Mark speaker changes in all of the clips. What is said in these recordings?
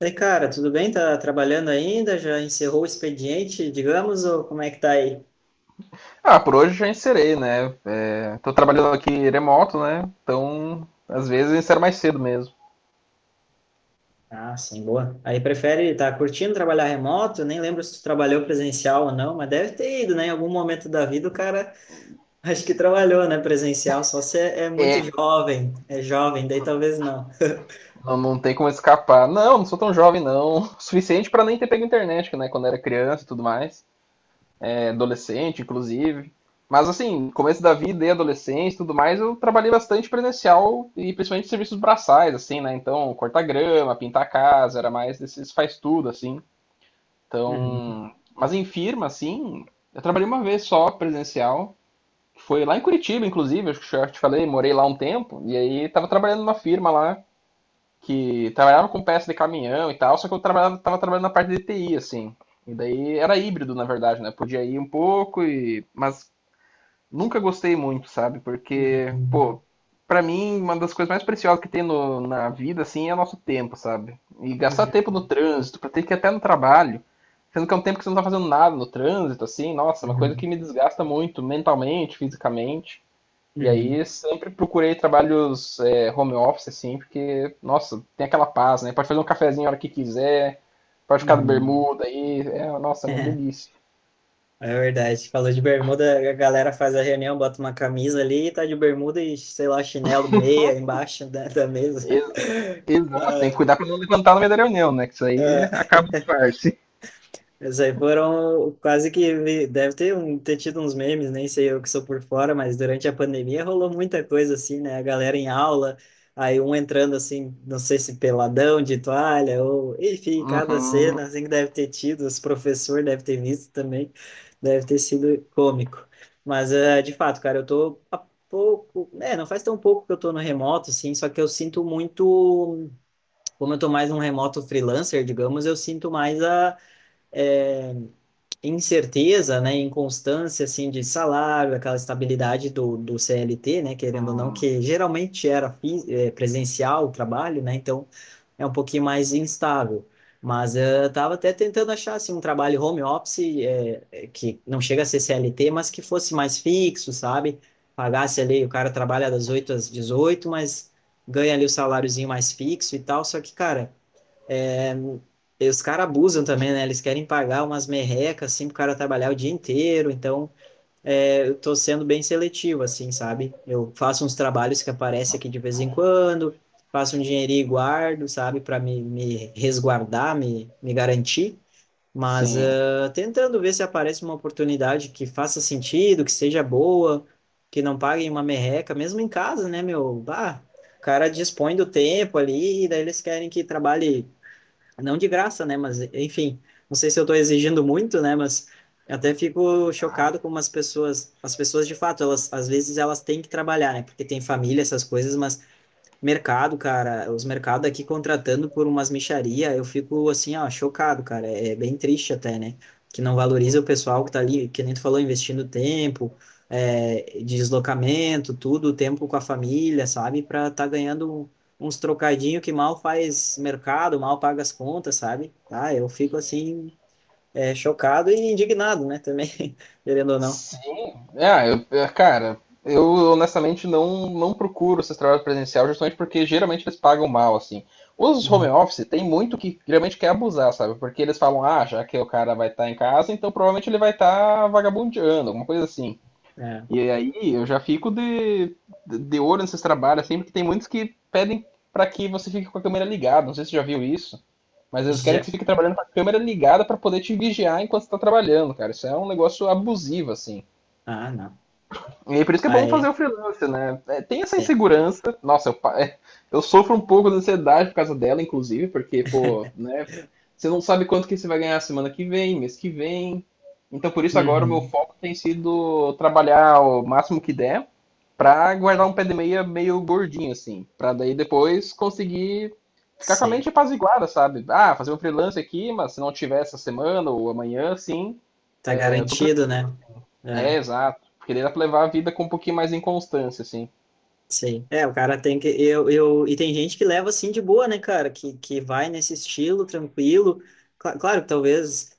Speaker 1: E cara, tudo bem? Tá trabalhando ainda? Já encerrou o expediente, digamos, ou como é que tá aí?
Speaker 2: Ah, por hoje já encerei, né? É, tô trabalhando aqui remoto, né? Então, às vezes eu encero mais cedo mesmo.
Speaker 1: Ah, sim, boa. Aí prefere, tá curtindo trabalhar remoto? Nem lembro se tu trabalhou presencial ou não, mas deve ter ido, né? Em algum momento da vida o cara acho que trabalhou, né? Presencial, só se é muito jovem, é jovem, daí talvez não.
Speaker 2: Não, tem como escapar. Não, sou tão jovem, não. O suficiente pra nem ter pego internet, né? Quando era criança e tudo mais. É, adolescente, inclusive. Mas, assim, começo da vida e adolescência e tudo mais, eu trabalhei bastante presencial e principalmente serviços braçais, assim, né? Então, cortar grama, pintar a casa, era mais desses faz tudo, assim.
Speaker 1: Uhum,
Speaker 2: Então, mas em firma, assim, eu trabalhei uma vez só presencial, que foi lá em Curitiba, inclusive, acho que eu já te falei, morei lá um tempo, e aí tava trabalhando numa firma lá que trabalhava com peça de caminhão e tal, só que eu trabalhava, tava trabalhando na parte de TI, assim. E daí era híbrido, na verdade, né? Podia ir um pouco e mas nunca gostei muito, sabe? Porque,
Speaker 1: uhum,
Speaker 2: pô, pra mim uma das coisas mais preciosas que tem na vida assim é o nosso tempo, sabe? E gastar tempo no
Speaker 1: uhum,
Speaker 2: trânsito, pra ter que ir até no trabalho, sendo que é um tempo que você não tá fazendo nada no trânsito assim, nossa, é uma coisa
Speaker 1: uhum,
Speaker 2: que me desgasta muito mentalmente, fisicamente. E
Speaker 1: uhum,
Speaker 2: aí sempre procurei trabalhos home office, assim, porque, nossa, tem aquela paz, né? Pode fazer um cafezinho a hora que quiser, pode ficar de
Speaker 1: uhum.
Speaker 2: bermuda aí, nossa, é uma delícia.
Speaker 1: É verdade. Falou de bermuda, a galera faz a reunião, bota uma camisa ali, tá de bermuda e, sei lá, chinelo, meia embaixo da mesa.
Speaker 2: Ex- Exato, tem que
Speaker 1: Ah,
Speaker 2: cuidar pra não levantar no meio da reunião, né? Que isso aí
Speaker 1: ah,
Speaker 2: acaba o disfarce.
Speaker 1: Isso aí foram quase que vi- deve ter, um, ter tido uns memes, nem sei eu que sou por fora, mas durante a pandemia rolou muita coisa assim, né? A galera em aula, aí um entrando assim, não sei se peladão de toalha, ou enfim, cada
Speaker 2: Uhum.
Speaker 1: cena assim que deve ter tido, os professores devem ter visto também, deve ter sido cômico. Mas de fato, cara, eu tô há pouco, né? Não faz tão pouco que eu tô no remoto, assim, só que eu sinto muito, como eu tô mais um remoto freelancer, digamos, eu sinto mais a. eh, incerteza, né, inconstância assim de salário, aquela estabilidade do CLT, né, querendo ou não, que geralmente era fi- presencial o trabalho, né, então é um pouquinho mais instável. Mas eu estava até tentando achar assim um trabalho home office que não chega a ser CLT, mas que fosse mais fixo, sabe? Pagasse ali, o cara trabalha das 8 às 18, mas ganha ali o saláriozinho mais fixo e tal. Só que, cara, é, e os caras abusam também, né? Eles querem pagar umas merrecas, assim, pro cara trabalhar o dia inteiro. Então, eu tô sendo bem seletivo, assim, sabe? Eu faço uns trabalhos que aparecem aqui de vez em quando, faço um dinheirinho e guardo, sabe? Para me resguardar, me garantir. Mas
Speaker 2: Sim.
Speaker 1: tentando ver se aparece uma oportunidade que faça sentido, que seja boa, que não paguem uma merreca, mesmo em casa, né, meu? Bah, o cara dispõe do tempo ali, e daí eles querem que trabalhe não de graça, né? Mas, enfim, não sei se eu estou exigindo muito, né? Mas eu até fico chocado como as pessoas de fato, elas às vezes elas têm que trabalhar, né? Porque tem família, essas coisas, mas mercado, cara, os mercados aqui contratando por umas mixaria, eu fico assim, ó, chocado, cara. É bem triste até, né? Que não valoriza o pessoal que tá ali, que nem tu falou, investindo tempo, é, deslocamento, tudo, tempo com a família, sabe? Pra tá ganhando um, uns trocadinho que mal faz mercado, mal paga as contas, sabe? Ah, eu fico assim, é, chocado e indignado, né? Também, querendo ou não.
Speaker 2: Sim, cara, eu honestamente não procuro esses trabalhos presencial justamente porque geralmente eles pagam mal, assim. Os home
Speaker 1: Uhum.
Speaker 2: office tem muito que geralmente quer abusar, sabe? Porque eles falam, ah, já que o cara vai estar em casa, então provavelmente ele vai estar vagabundeando, alguma coisa assim.
Speaker 1: É.
Speaker 2: E aí eu já fico de olho nesses trabalhos, assim, porque tem muitos que pedem pra que você fique com a câmera ligada, não sei se você já viu isso. Mas eles querem que
Speaker 1: Já...
Speaker 2: você fique trabalhando com a câmera ligada pra poder te vigiar enquanto você tá trabalhando, cara. Isso é um negócio abusivo, assim.
Speaker 1: Ah, não.
Speaker 2: E aí por isso que é bom fazer
Speaker 1: Aí,
Speaker 2: o freelancer, né? É, tem essa
Speaker 1: sim.
Speaker 2: insegurança. Nossa, eu sofro um pouco de ansiedade por causa dela, inclusive, porque, pô, né? Você não sabe quanto que você vai ganhar semana que vem, mês que vem. Então por isso agora o meu
Speaker 1: Uhum.
Speaker 2: foco tem sido trabalhar o máximo que der pra guardar um pé de meia meio gordinho, assim. Pra daí depois conseguir ficar com a
Speaker 1: Sim.
Speaker 2: mente apaziguada, sabe? Ah, fazer um freelance aqui, mas se não tiver essa semana ou amanhã, sim,
Speaker 1: Tá
Speaker 2: é, eu tô
Speaker 1: garantido,
Speaker 2: tranquilo.
Speaker 1: né? É,
Speaker 2: É, exato. Porque daí dá pra levar a vida com um pouquinho mais de constância, assim.
Speaker 1: sim. É, o cara tem que. E tem gente que leva assim de boa, né, cara? Que vai nesse estilo tranquilo. Cla- claro que talvez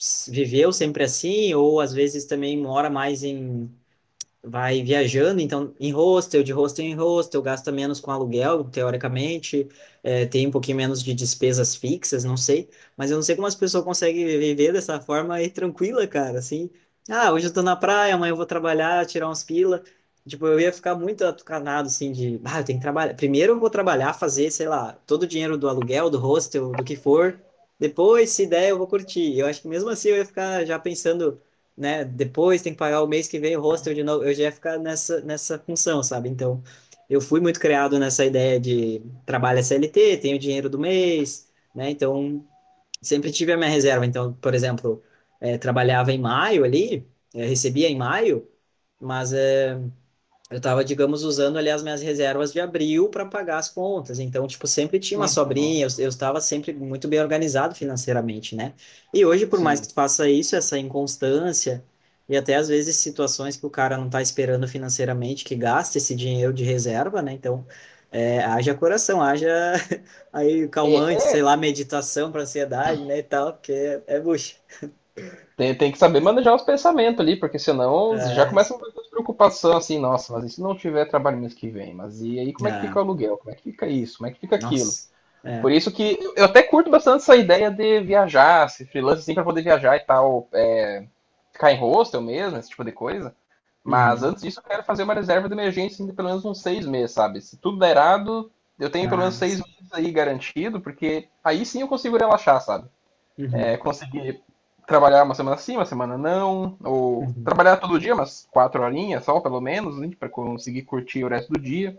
Speaker 1: s- viveu sempre assim, ou às vezes também mora mais em vai viajando, então em hostel, de hostel em hostel, gasta menos com aluguel, teoricamente, é, tem um pouquinho menos de despesas fixas, não sei, mas eu não sei como as pessoas conseguem viver dessa forma aí tranquila, cara, assim, ah, hoje eu tô na praia, amanhã eu vou trabalhar, tirar uns pila, tipo, eu ia ficar muito atucanado, assim, de, ah, eu tenho que trabalhar, primeiro eu vou trabalhar, fazer, sei lá, todo o dinheiro do aluguel, do hostel, do que for, depois, se der, eu vou curtir, eu acho que mesmo assim eu ia ficar já pensando, né? Depois tem que pagar o mês que vem o hostel de novo. Eu já ia ficar nessa, nessa função, sabe? Então, eu fui muito criado nessa ideia de trabalho CLT, tenho dinheiro do mês, né? Então, sempre tive a minha reserva. Então, por exemplo, trabalhava em maio ali, recebia em maio, mas eu estava, digamos, usando ali as minhas reservas de abril para pagar as contas. Então, tipo, sempre tinha uma
Speaker 2: Uhum,
Speaker 1: sobrinha, eu estava sempre muito bem organizado financeiramente, né? E hoje, por mais que
Speaker 2: sim.
Speaker 1: tu faça isso, essa inconstância e até às vezes situações que o cara não está esperando financeiramente que gasta esse dinheiro de reserva, né? Então, é, haja coração, haja aí calmante, sei lá, meditação para ansiedade, né, e tal, porque é, é bucha.
Speaker 2: Tem que saber manejar os pensamentos ali, porque senão já
Speaker 1: É,
Speaker 2: começa uma preocupação assim, nossa, mas e se não tiver trabalho mês que vem? Mas e aí como é que
Speaker 1: é,
Speaker 2: fica o aluguel? Como é que fica isso? Como é que fica aquilo?
Speaker 1: nossa, é.
Speaker 2: Por isso que eu até curto bastante essa ideia de viajar, se freelance assim pra poder viajar e tal, é, ficar em hostel mesmo, esse tipo de coisa. Mas
Speaker 1: Uhum.
Speaker 2: antes disso, eu quero fazer uma reserva de emergência de pelo menos uns 6 meses, sabe? Se tudo der errado, eu tenho pelo menos
Speaker 1: Ah,
Speaker 2: seis
Speaker 1: sim.
Speaker 2: meses aí garantido, porque aí sim eu consigo relaxar, sabe? É,
Speaker 1: Uhum.
Speaker 2: conseguir trabalhar uma semana sim, uma semana não, ou
Speaker 1: Uhum.
Speaker 2: trabalhar todo dia, umas 4 horinhas só, pelo menos, né, para conseguir curtir o resto do dia.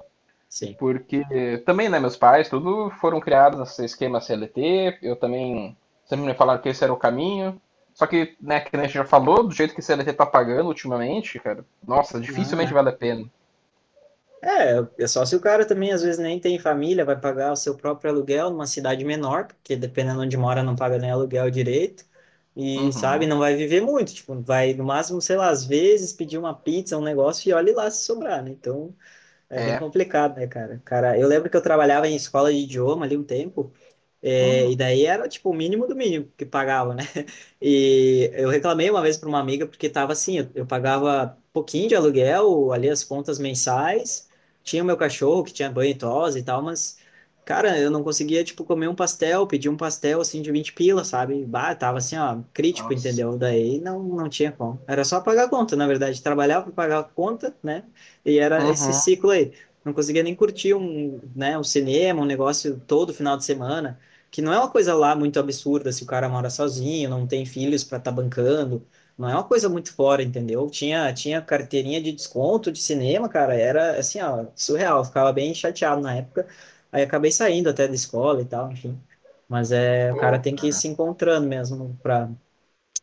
Speaker 1: Sim.
Speaker 2: Porque também, né, meus pais, tudo foram criados nesse esquema CLT, eu também sempre me falaram que esse era o caminho. Só que, né, que a gente já falou, do jeito que o CLT tá pagando ultimamente, cara, nossa,
Speaker 1: Não,
Speaker 2: dificilmente
Speaker 1: não.
Speaker 2: vale a pena.
Speaker 1: É, é só se o cara também às vezes nem tem família, vai pagar o seu próprio aluguel numa cidade menor, porque dependendo onde mora não paga nem aluguel direito, e sabe,
Speaker 2: Uhum.
Speaker 1: não vai viver muito, tipo, vai no máximo, sei lá, às vezes pedir uma pizza, um negócio e olhe lá se sobrar, né? Então é bem
Speaker 2: É.
Speaker 1: complicado, né, cara? Cara, eu lembro que eu trabalhava em escola de idioma ali um tempo, é,
Speaker 2: Hum,
Speaker 1: e daí era tipo o mínimo do mínimo que pagava, né? E eu reclamei uma vez para uma amiga porque estava assim, eu pagava pouquinho de aluguel, ali as contas mensais, tinha o meu cachorro que tinha banho e tosa e tal, mas cara, eu não conseguia tipo comer um pastel, pedir um pastel assim de 20 pila, sabe? Bah, tava assim, ó, crítico,
Speaker 2: nossa.
Speaker 1: entendeu? Daí não tinha como. Era só pagar a conta, na verdade, trabalhava para pagar a conta, né? E era esse
Speaker 2: Uhum.
Speaker 1: ciclo aí. Não conseguia nem curtir um, né, um cinema, um negócio todo final de semana que não é uma coisa lá muito absurda se o cara mora sozinho, não tem filhos para estar tá bancando, não é uma coisa muito fora, entendeu? Tinha carteirinha de desconto de cinema, cara, era assim, ó, surreal, eu ficava bem chateado na época, aí acabei saindo até da escola e tal, enfim. Mas é, o cara
Speaker 2: Pô.
Speaker 1: tem que ir se encontrando mesmo para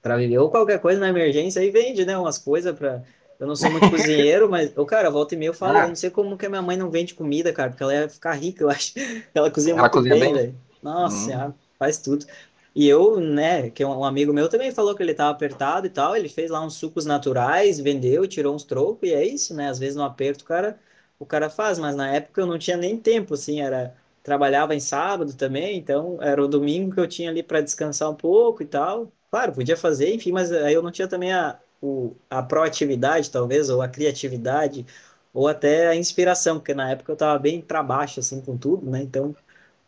Speaker 1: para viver ou qualquer coisa na emergência aí vende, né, umas coisas para eu não sou muito cozinheiro, mas o cara volta e meia eu falo, eu não
Speaker 2: Ah,
Speaker 1: sei como que a minha mãe não vende comida, cara, porque ela ia ficar rica, eu acho. Ela cozinha
Speaker 2: ela
Speaker 1: muito
Speaker 2: cozinha
Speaker 1: bem,
Speaker 2: bem?
Speaker 1: velho. Nossa,
Speaker 2: Hum.
Speaker 1: senhora, faz tudo. E eu, né, que é um amigo meu também falou que ele tava apertado e tal, ele fez lá uns sucos naturais, vendeu, tirou uns trocos e é isso, né? Às vezes no aperto, o cara faz, mas na época eu não tinha nem tempo, assim, era trabalhava em sábado também, então era o domingo que eu tinha ali para descansar um pouco e tal. Claro, podia fazer, enfim, mas aí eu não tinha também a proatividade, talvez, ou a criatividade, ou até a inspiração, porque na época eu estava bem para baixo, assim, com tudo, né? Então,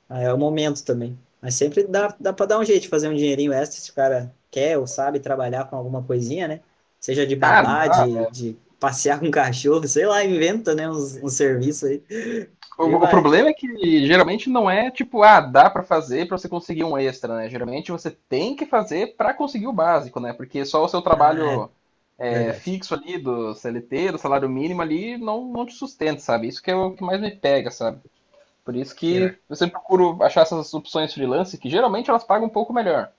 Speaker 1: aí é o momento também. Mas sempre dá para dar um jeito de fazer um dinheirinho extra se o cara quer ou sabe trabalhar com alguma coisinha, né? Seja de
Speaker 2: Ah,
Speaker 1: babá,
Speaker 2: dá.
Speaker 1: de passear com cachorro, sei lá, inventa, né, uns, um serviço aí.
Speaker 2: O,
Speaker 1: E
Speaker 2: o
Speaker 1: vai.
Speaker 2: problema é que geralmente não é tipo, ah, dá pra fazer pra você conseguir um extra, né? Geralmente você tem que fazer pra conseguir o básico, né? Porque só o seu
Speaker 1: Ah, é.
Speaker 2: trabalho
Speaker 1: Verdade.
Speaker 2: fixo ali do CLT, do salário mínimo ali, não te sustenta, sabe? Isso que é o que mais me pega, sabe? Por isso
Speaker 1: Pior.
Speaker 2: que eu sempre procuro achar essas opções freelance, que geralmente elas pagam um pouco melhor,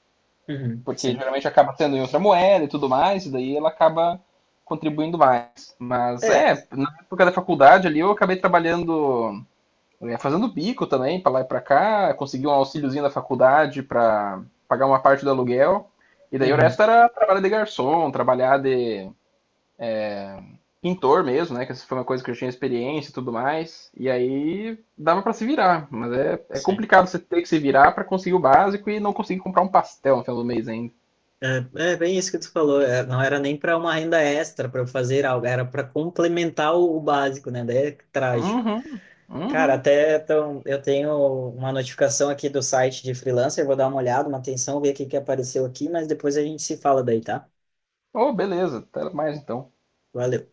Speaker 1: Uhum,
Speaker 2: porque
Speaker 1: sim.
Speaker 2: geralmente acaba sendo em outra moeda e tudo mais, e daí ela acaba contribuindo mais. Mas
Speaker 1: É.
Speaker 2: é, na época da faculdade ali eu acabei trabalhando, é, fazendo bico também, para lá e para cá, consegui um auxíliozinho da faculdade para pagar uma parte do aluguel, e daí o
Speaker 1: Uhum,
Speaker 2: resto era trabalhar de garçom, trabalhar de pintor mesmo, né? Que essa foi uma coisa que eu tinha experiência e tudo mais. E aí dava pra se virar, mas é, é
Speaker 1: sim.
Speaker 2: complicado você ter que se virar pra conseguir o básico e não conseguir comprar um pastel no final do mês ainda.
Speaker 1: É, é bem isso que tu falou. É, não era nem para uma renda extra para eu fazer algo, era para complementar o básico, né? Daí é trágico.
Speaker 2: Uhum,
Speaker 1: Cara,
Speaker 2: uhum.
Speaker 1: até então, eu tenho uma notificação aqui do site de freelancer, vou dar uma olhada, uma atenção, ver o que que apareceu aqui, mas depois a gente se fala daí, tá?
Speaker 2: Oh, beleza, até mais então.
Speaker 1: Valeu.